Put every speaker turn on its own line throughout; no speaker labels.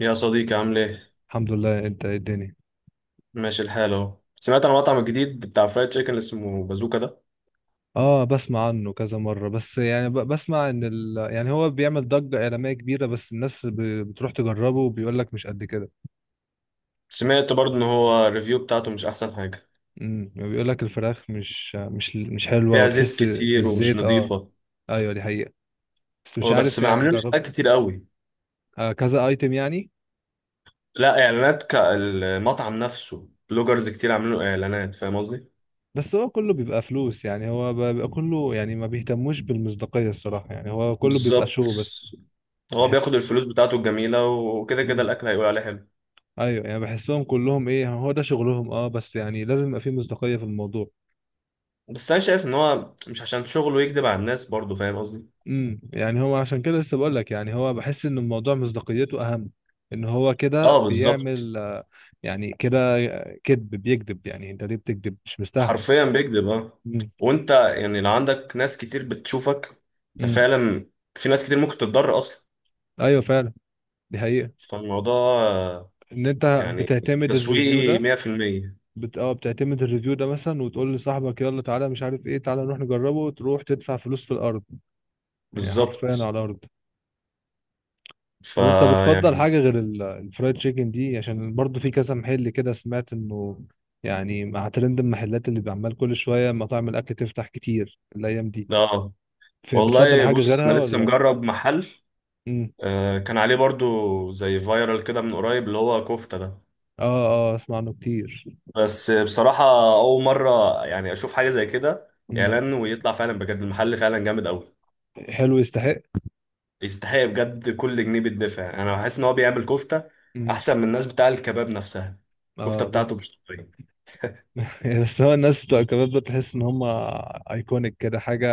يا صديقي، عامل ايه؟
الحمد لله، انت ايه الدنيا؟
ماشي الحال اهو. سمعت عن المطعم الجديد بتاع فرايد تشيكن اللي اسمه بازوكا ده.
اه، بسمع عنه كذا مرة. بس يعني بسمع يعني هو بيعمل ضجة إعلامية كبيرة، بس الناس بتروح تجربه وبيقول لك مش قد كده.
سمعت برضه ان هو الريفيو بتاعته مش احسن حاجة،
بيقول لك الفراخ مش حلوة،
فيها زيت
وتحس
كتير ومش
الزيت، اه.
نظيفة.
ايوه، دي حقيقة. بس مش
بس
عارف، يعني
عاملين له
جربت.
حاجات كتير قوي،
آه، كذا ايتم يعني.
لا اعلانات كالمطعم نفسه، بلوجرز كتير عاملين له اعلانات. فاهم قصدي؟
بس هو كله بيبقى فلوس، يعني هو بيبقى كله، يعني ما بيهتموش بالمصداقية الصراحة، يعني هو كله بيبقى
بالظبط.
شو بس.
هو
بحس.
بياخد الفلوس بتاعته الجميلة، وكده كده الاكل هيقول عليه حلو.
ايوه، يعني بحسهم كلهم ايه، هو ده شغلهم، اه. بس يعني لازم يبقى فيه مصداقية في الموضوع.
بس انا شايف ان هو مش عشان شغله يكذب على الناس برضه. فاهم قصدي؟
يعني هو عشان كده لسه بقول لك، يعني هو بحس ان الموضوع مصداقيته اهم، ان هو كده
اه، بالظبط.
بيعمل يعني كده كذب، بيكذب. يعني انت ليه بتكذب؟ مش مستاهل.
حرفيا بيكذب، اه.
امم.
وانت يعني لو عندك ناس كتير بتشوفك انت
امم.
فعلا، في ناس كتير ممكن تتضرر اصلا.
ايوه فعلا. دي حقيقة.
فالموضوع آه،
ان انت
يعني
بتعتمد الريفيو
تسويقي
ده.
100%.
بت... اه بتعتمد الريفيو ده مثلا، وتقول لصاحبك يلا تعالى، مش عارف ايه، تعالى نروح نجربه، وتروح تدفع فلوس في الارض. يعني حرفيا على
بالظبط.
الارض. طب انت بتفضل
فيعني
حاجة غير الفرايد تشيكن دي؟ عشان برضو في كذا محل كده، سمعت انه، يعني مع ترند المحلات اللي بيعمل كل شوية، مطاعم الاكل تفتح كتير الايام دي.
ده.
بتفضل
والله
حاجة
بص، انا
غيرها
لسه
ولا؟
مجرب محل
امم.
آه، كان عليه برضو زي فايرال كده من قريب اللي هو كفتة ده.
اه اه، اسمع عنه كتير.
بس بصراحة أول مرة يعني أشوف حاجة زي كده،
امم.
إعلان ويطلع فعلا بجد المحل فعلا جامد أوي.
حلو، يستحق.
يستحق بجد كل جنيه بيدفع. انا بحس ان هو بيعمل كفته
امم.
احسن من الناس بتاع الكباب نفسها. الكفته
اه
بتاعته مش طبيعيه.
يعني بس هو الناس بتوع الكباب ده تحس ان هم ايكونيك كده حاجة.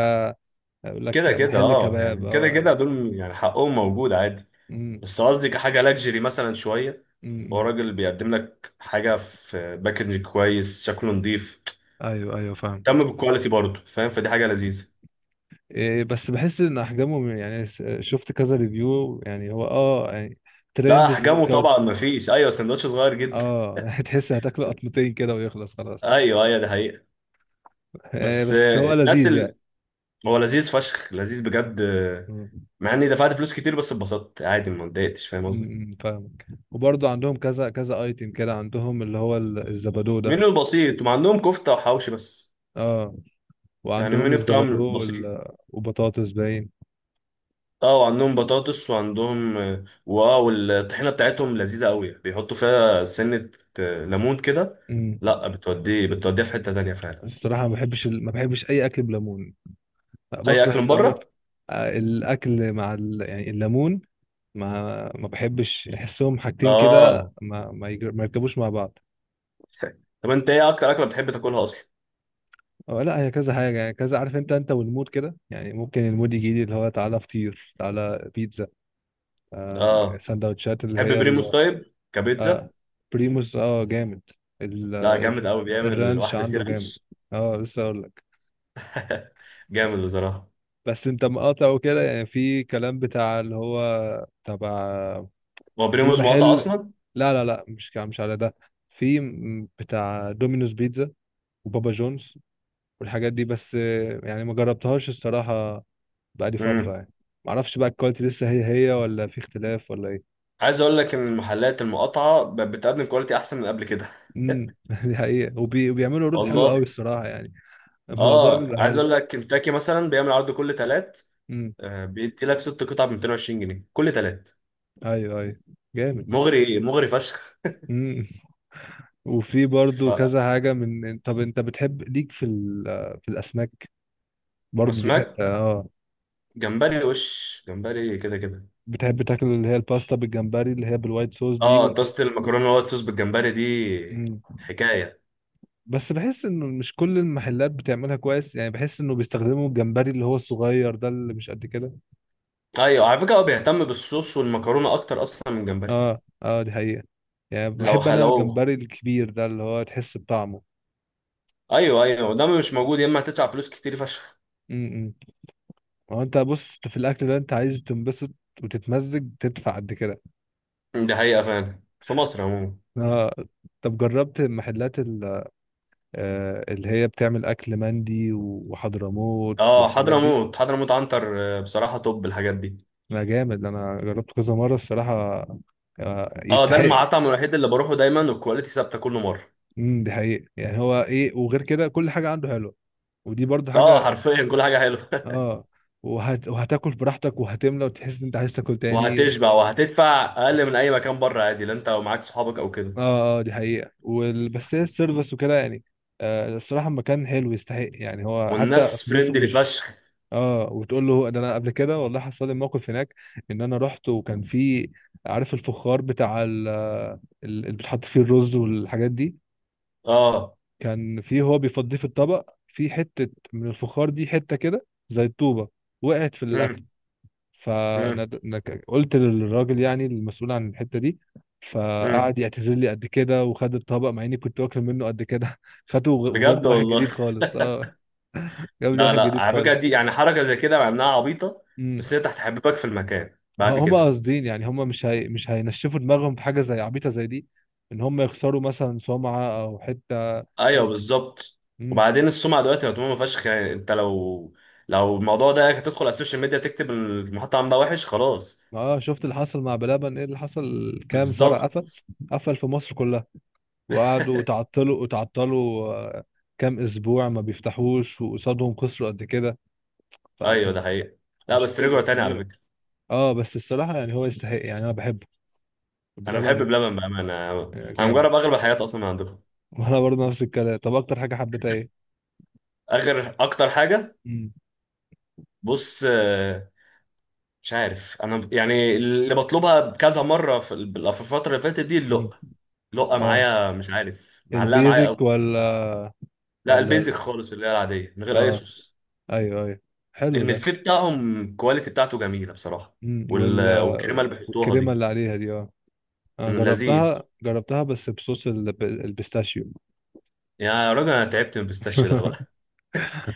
يقول لك
كده كده
محل
اه
كباب،
يعني، كده
اه
كده
يعني.
دول يعني حقهم موجود عادي.
امم.
بس قصدي كحاجه لاكجري مثلا شويه، هو
امم.
راجل بيقدم لك حاجه في باكج كويس، شكله نظيف،
ايوه ايوه فاهم.
اهتم بالكواليتي برضه. فاهم؟ فدي حاجه لذيذه.
إيه، بس بحس ان احجامهم، يعني شفت كذا ريفيو. يعني هو اه يعني
لا،
ترند
احجامه طبعا ما فيش، ايوه سندوتش صغير جدا.
اه يعني تحس هتاكله قطمتين كده ويخلص خلاص.
ايوه ايوه، دي حقيقه.
إيه،
بس
بس هو لذيذ يعني.
هو لذيذ فشخ، لذيذ بجد.
مم.
مع اني دفعت فلوس كتير بس اتبسطت عادي، ما اتضايقتش. فاهم قصدي؟
مم، فاهمك، وبرضه عندهم كذا كذا ايتم كده، عندهم اللي هو الزبادو ده.
منيو بسيط، هم عندهم كفته وحوشي بس.
اه،
يعني
وعندهم
المنيو
الزبادو
بتاعهم بسيط.
وبطاطس باين.
اه، وعندهم بطاطس، وعندهم واو! الطحينه بتاعتهم لذيذه قوي، بيحطوا فيها سنه، ليمون كده.
مم.
لا، بتوديها في حته تانيه فعلا.
الصراحة ما بحبش اي اكل بليمون. لا،
اي اكل
بكره
من
الليمون.
بره.
الاكل مع يعني الليمون. ما ما بحبش احسهم حاجتين كده،
اه.
ما يركبوش مع بعض.
طب انت ايه اكتر اكله بتحب تاكلها اصلا؟
أو لا، هي كذا حاجه، يعني كذا عارف انت والمود كده، يعني ممكن المود يجي لي اللي هو تعالى فطير، تعالى بيتزا،
اه.
سندوتشات اللي
تحب
هي
بريموس طيب كبيتزا؟
آه، بريموس، اه، جامد. ال...
لا، جامد
الر-
قوي، بيعمل
الرانش
واحده سي
عنده جامد.
رانش.
اه لسه اقول لك.
جامد بصراحه.
بس انت مقاطع وكده، يعني في كلام بتاع اللي هو تبع،
هو
في
بريموس مقاطع
محل.
اصلا؟
لا لا لا، مش على ده. في بتاع دومينوز بيتزا، وبابا جونز، والحاجات دي. بس يعني ما جربتهاش الصراحة، بقالي فترة
امم.
يعني. ما اعرفش بقى الكواليتي لسه هي هي ولا في اختلاف ولا ايه.
عايز اقول لك ان المحلات المقاطعه بتقدم كواليتي احسن من قبل كده.
امم دي حقيقة. وبيعملوا عروض حلوة قوي
والله.
الصراحة، يعني الموضوع
اه،
بيبقى
عايز
حلو.
اقول لك كنتاكي مثلا بيعمل عرض كل تلات،
امم.
بيدي لك ست قطع ب 220 جنيه كل تلات.
ايوه ايوه، جامد.
مغري مغري فشخ.
امم. وفي برضو كذا حاجة من. طب انت بتحب ليك في في الاسماك؟ برضو دي حتة،
فاسماك،
اه.
جمبري وش جمبري كده كده.
بتحب تاكل اللي هي الباستا بالجمبري، اللي هي بالوايت صوص دي
اه، طاسه المكرونه الوايت صوص بالجمبري دي
مم.
حكايه.
بس بحس انه مش كل المحلات بتعملها كويس، يعني بحس انه بيستخدموا الجمبري اللي هو الصغير ده، اللي مش قد كده.
ايوه، على فكره هو بيهتم بالصوص والمكرونه اكتر اصلا من الجمبري.
اه اه، دي حقيقة. يعني
لو
بحب انا
حلو.
الجمبري الكبير ده، اللي هو تحس بطعمه.
ايوه ايوه، وده مش موجود، يا اما هتدفع فلوس كتير فشخ.
امم. هو انت بص، في الاكل ده انت عايز تنبسط وتتمزج، تدفع قد كده.
دي حقيقه فعلا في مصر عموما.
اه. طب جربت محلات اللي هي بتعمل اكل مندي وحضرموت
اه،
والحاجات دي؟
حضرموت، حضرموت عنتر، بصراحه توب الحاجات دي.
لا، جامد، انا جربته كذا مره الصراحه. آه،
اه، ده
يستحق.
المطعم الوحيد اللي بروحه دايما والكواليتي ثابته كل مره.
امم، دي حقيقة. يعني هو ايه، وغير كده كل حاجه عنده حلوه، ودي برضو
اه،
حاجه.
حرفيا كل حاجه حلوه.
اه. وهتاكل براحتك وهتملى، وتحس ان انت عايز تاكل تاني.
وهتشبع وهتدفع اقل من اي مكان بره عادي، لا انت ومعاك صحابك او كده.
اه اه، دي حقيقه. بس هي السيرفس وكده يعني، الصراحه المكان حلو، يستحق، يعني هو حتى
والناس
فلوسه
فريندلي
مش.
فشخ.
اه، وتقول له ده. انا قبل كده والله حصل لي موقف هناك، ان انا رحت، وكان في، عارف الفخار بتاع اللي بتحط فيه الرز والحاجات دي؟
اه.
كان في، هو بيفضيه في الطبق، في حتة من الفخار دي، حتة كده زي الطوبة وقعت في الأكل.
امم. امم.
فقلت للراجل، يعني المسؤول عن الحتة دي،
امم.
فقعد يعتذر لي قد كده، وخد الطبق، مع اني كنت واكل منه قد كده. خده، وجاب
بجد
لي واحد جديد
والله.
خالص، اه. جاب لي
لا
واحد
لا،
جديد
على فكره
خالص.
دي يعني حركه زي كده مع انها عبيطه،
امم.
بس هي تحت حبيبك في المكان بعد
هما
كده.
قاصدين، يعني هما مش هينشفوا دماغهم في حاجة زي عبيطة زي دي، ان هما يخسروا مثلا سمعة او حتة.
ايوه بالظبط.
مم.
وبعدين السمعه دلوقتي مطمومه فشخ. يعني انت لو الموضوع ده هتدخل على السوشيال ميديا تكتب المحطه عامله وحش خلاص.
اه، شفت اللي حصل مع بلبن؟ ايه اللي حصل؟ كام فرع
بالظبط.
قفل. قفل في مصر كلها. وقعدوا تعطلوا وتعطلوا، كام اسبوع ما بيفتحوش، وقصادهم خسروا قد كده،
ايوه
فكان
ده حقيقه. لا بس
مشاكل
رجعوا تاني على
كبيرة.
فكره.
اه، بس الصراحة يعني هو يستحق، يعني انا بحبه،
انا بحب
بلبن.
بلبن بامانه. انا
آه،
أنا
جامد.
مجرب اغلب الحاجات اصلا من عندكم.
وانا برضه نفس الكلام. طب اكتر حاجة حبيتها ايه؟
اخر اكتر حاجه.
امم.
بص، مش عارف انا يعني اللي بطلبها كذا مره في في الفتره اللي فاتت دي
امم.
اللقه. لقه
اه،
معايا، مش عارف معلقه معايا
البيزك
قوي.
ولا؟
لا،
ولا،
البيزك خالص اللي هي العاديه من غير اي
اه.
صوص.
ايوه ايوه، حلو ده.
الملفيه بتاعهم الكواليتي بتاعته جميله بصراحه.
امم.
والكريمه اللي بيحطوها
والكريمة
دي
اللي عليها دي، اه. أنا
لذيذ.
جربتها جربتها بس بصوص البيستاشيو.
يا راجل، انا تعبت من البيستاشيو ده بقى.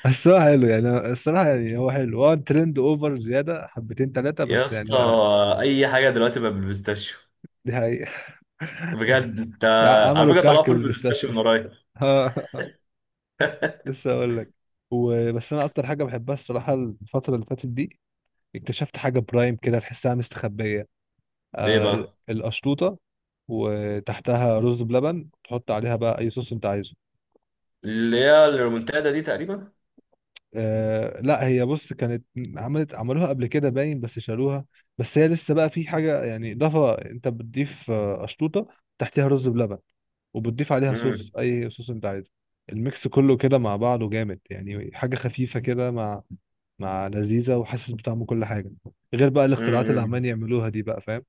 الصراحة حلو يعني، الصراحة يعني هو حلو، هو ترند اوفر زيادة حبتين تلاتة،
يا
بس يعني
اسطى،
هو حلو.
اي حاجه دلوقتي بقى بالبيستاشيو.
دي حقيقة.
بجد انت.
لا،
على
عملوا
فكره طلعوا
الكحك
فول بالبيستاشيو
بالبيستاشيو.
من قريب.
لسه اقول لك. وبس انا اكتر حاجة بحبها الصراحة الفترة اللي فاتت دي، اكتشفت حاجة برايم كده، تحسها مستخبية،
ايه بقى؟
القشطوطة، وتحتها رز بلبن، تحط عليها بقى اي صوص انت عايزه.
اللي هي الريمونتادا دي تقريبا.
آه، لا، هي بص كانت، عملوها قبل كده باين، بس شالوها. بس هي لسه بقى في حاجة، يعني إضافة. أنت بتضيف أشطوطة تحتها رز بلبن، وبتضيف عليها صوص،
امم.
أي صوص أنت عايزه. الميكس كله كده مع بعضه جامد، يعني حاجة خفيفة كده، مع لذيذة، وحاسس بطعم كل حاجة، غير بقى الاختراعات اللي
امم.
عمالين يعملوها دي، بقى فاهم.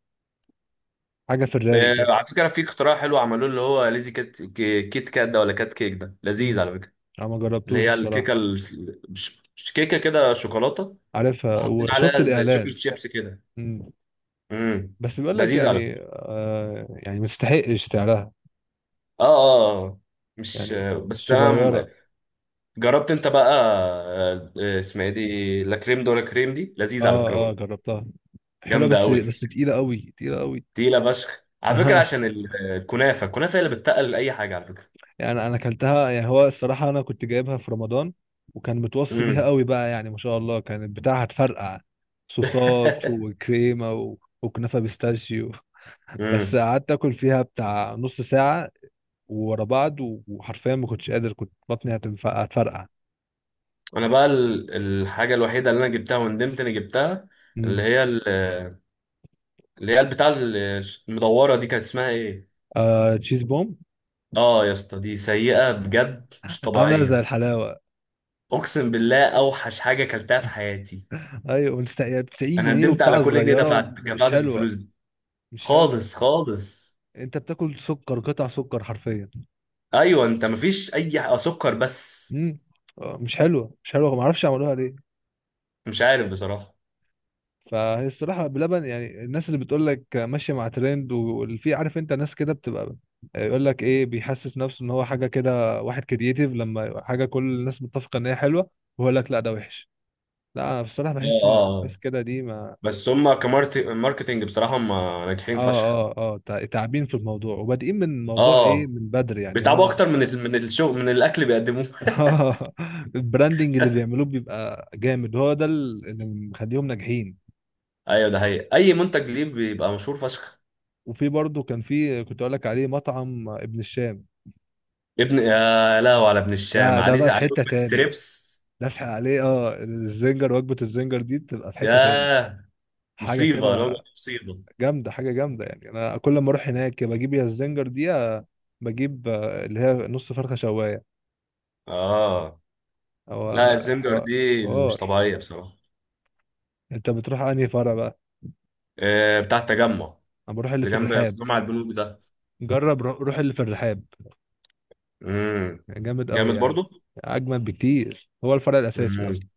حاجة في الرايق كده.
إيه، على فكره في اختراع حلو عملوه اللي هو ليزي كات كيت كات ده، ولا كات كيك ده لذيذ
امم.
على فكره.
أنا ما
اللي
جربتوش
هي الكيكه
الصراحة.
مش كيكه كده، شوكولاته
عارفها
حاطين
وشفت
عليها زي
الإعلان.
شوكليت شيبس كده.
امم.
امم.
بس بيقول لك
لذيذ على
يعني،
فكره.
يعني مستحقش سعرها.
اه اه آه. مش،
يعني
بس انا
الصغيرة.
جربت انت بقى، اسمها ايه دي، لا كريم دولا كريم دي لذيذ على
اه
فكره
اه،
برضه.
جربتها، حلوة،
جامده
بس
قوي.
بس تقيلة قوي، تقيلة قوي.
تقيله فشخ على فكره،
انا،
عشان الكنافه الكنافه هي اللي بتتقل اي حاجه على فكره.
يعني انا اكلتها. يعني هو الصراحة انا كنت جايبها في رمضان، وكان متوصي بيها
امم.
قوي بقى يعني، ما شاء الله، كانت بتاعها هتفرقع صوصات وكريمة وكنافة بيستاشيو. بس
امم.
قعدت اكل فيها بتاع نص ساعة ورا بعض، و- وحرفيا ما كنتش قادر، كنت بطني هتفرقع.
انا بقى الحاجه الوحيده اللي انا جبتها وندمت اني جبتها، اللي
امم.
هي اللي هي بتاع المدوره دي كانت اسمها ايه؟
آه، تشيز بوم،
اه يا اسطى، دي سيئه بجد مش
عاملة زي
طبيعيه.
الحلاوة.
اقسم بالله اوحش حاجه اكلتها في حياتي.
ايوه، 90
انا
جنيه
ندمت على
وبتاع
كل جنيه
صغيرة،
دفعت
ومش
دفعته في
حلوة،
الفلوس دي.
مش حلو.
خالص خالص.
انت بتاكل سكر، قطع سكر حرفيا.
ايوه، انت مفيش اي سكر بس.
امم. مش حلوه مش حلوه، ما اعرفش عملوها ليه.
مش عارف بصراحه.
فهي الصراحه بلبن، يعني الناس اللي بتقول لك ماشيه مع ترند، واللي في، عارف انت، ناس كده بتبقى يقول لك ايه، بيحسس نفسه ان هو حاجه كده، واحد كرييتيف، لما يبقى حاجه كل الناس متفقه ان هي حلوه، ويقول لك لا، ده وحش. لا، انا بصراحه
اه
بحس
اه
ان
آه.
الناس كده دي، ما،
بس هم كماركتنج بصراحه، هم ناجحين
اه
فشخ.
اه اه، تعبين في الموضوع، وبادئين من موضوع ايه،
اه،
من بدري يعني
بيتعبوا
هم.
اكتر من الشغل، من الاكل بيقدموه.
البراندنج اللي بيعملوه بيبقى جامد، هو ده اللي مخليهم ناجحين.
ايوه ده حقيقي، اي منتج ليه بيبقى مشهور فشخ.
وفي برضه كان في كنت اقول لك عليه، مطعم ابن الشام.
ابن، يا لهو على ابن الشام،
ده بقى
عليه
في
عليه
حتة
وجبة
تاني،
ستريبس.
دافع عليه، اه. وجبة الزنجر دي بتبقى في حتة تاني،
ياه.
حاجة
مصيبه لو
كده.
مصيبه.
حاجة جامدة، يعني انا كل ما اروح هناك، يا بجيب يا الزنجر دي، يا بجيب آه، اللي هي نص فرخة شواية،
اه،
او
لا الزنجر دي اللي مش
حوار.
طبيعية بصراحة.
انت بتروح انهي فرع بقى؟
آه، بتاع التجمع،
انا بروح اللي
اللي
في
جنب
الرحاب.
في جامع البنوك ده.
جرب روح اللي في الرحاب،
امم.
جامد قوي
جامد
يعني.
برضو.
اجمد بكتير، هو الفرع الاساسي اصلا.
امم.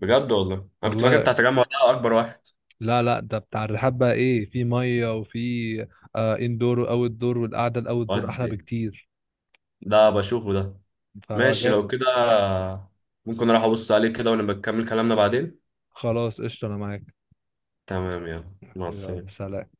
بجد والله، انا كنت فاكر
والله.
بتاع التجمع ده اكبر واحد.
لا لا، ده بتاع الرحاب، بقى ايه، في ميه وفي، اندور واوت دور، والقعده الاوت دور احلى
ودي،
بكتير،
ده بشوفه ده.
فهو
ماشي لو
جامد.
كده، ممكن اروح ابص عليه كده ونبقى نكمل كلامنا بعدين.
خلاص، قشطه انا معاك.
تمام، يلا مع
يلا،
السلامة.
سلام.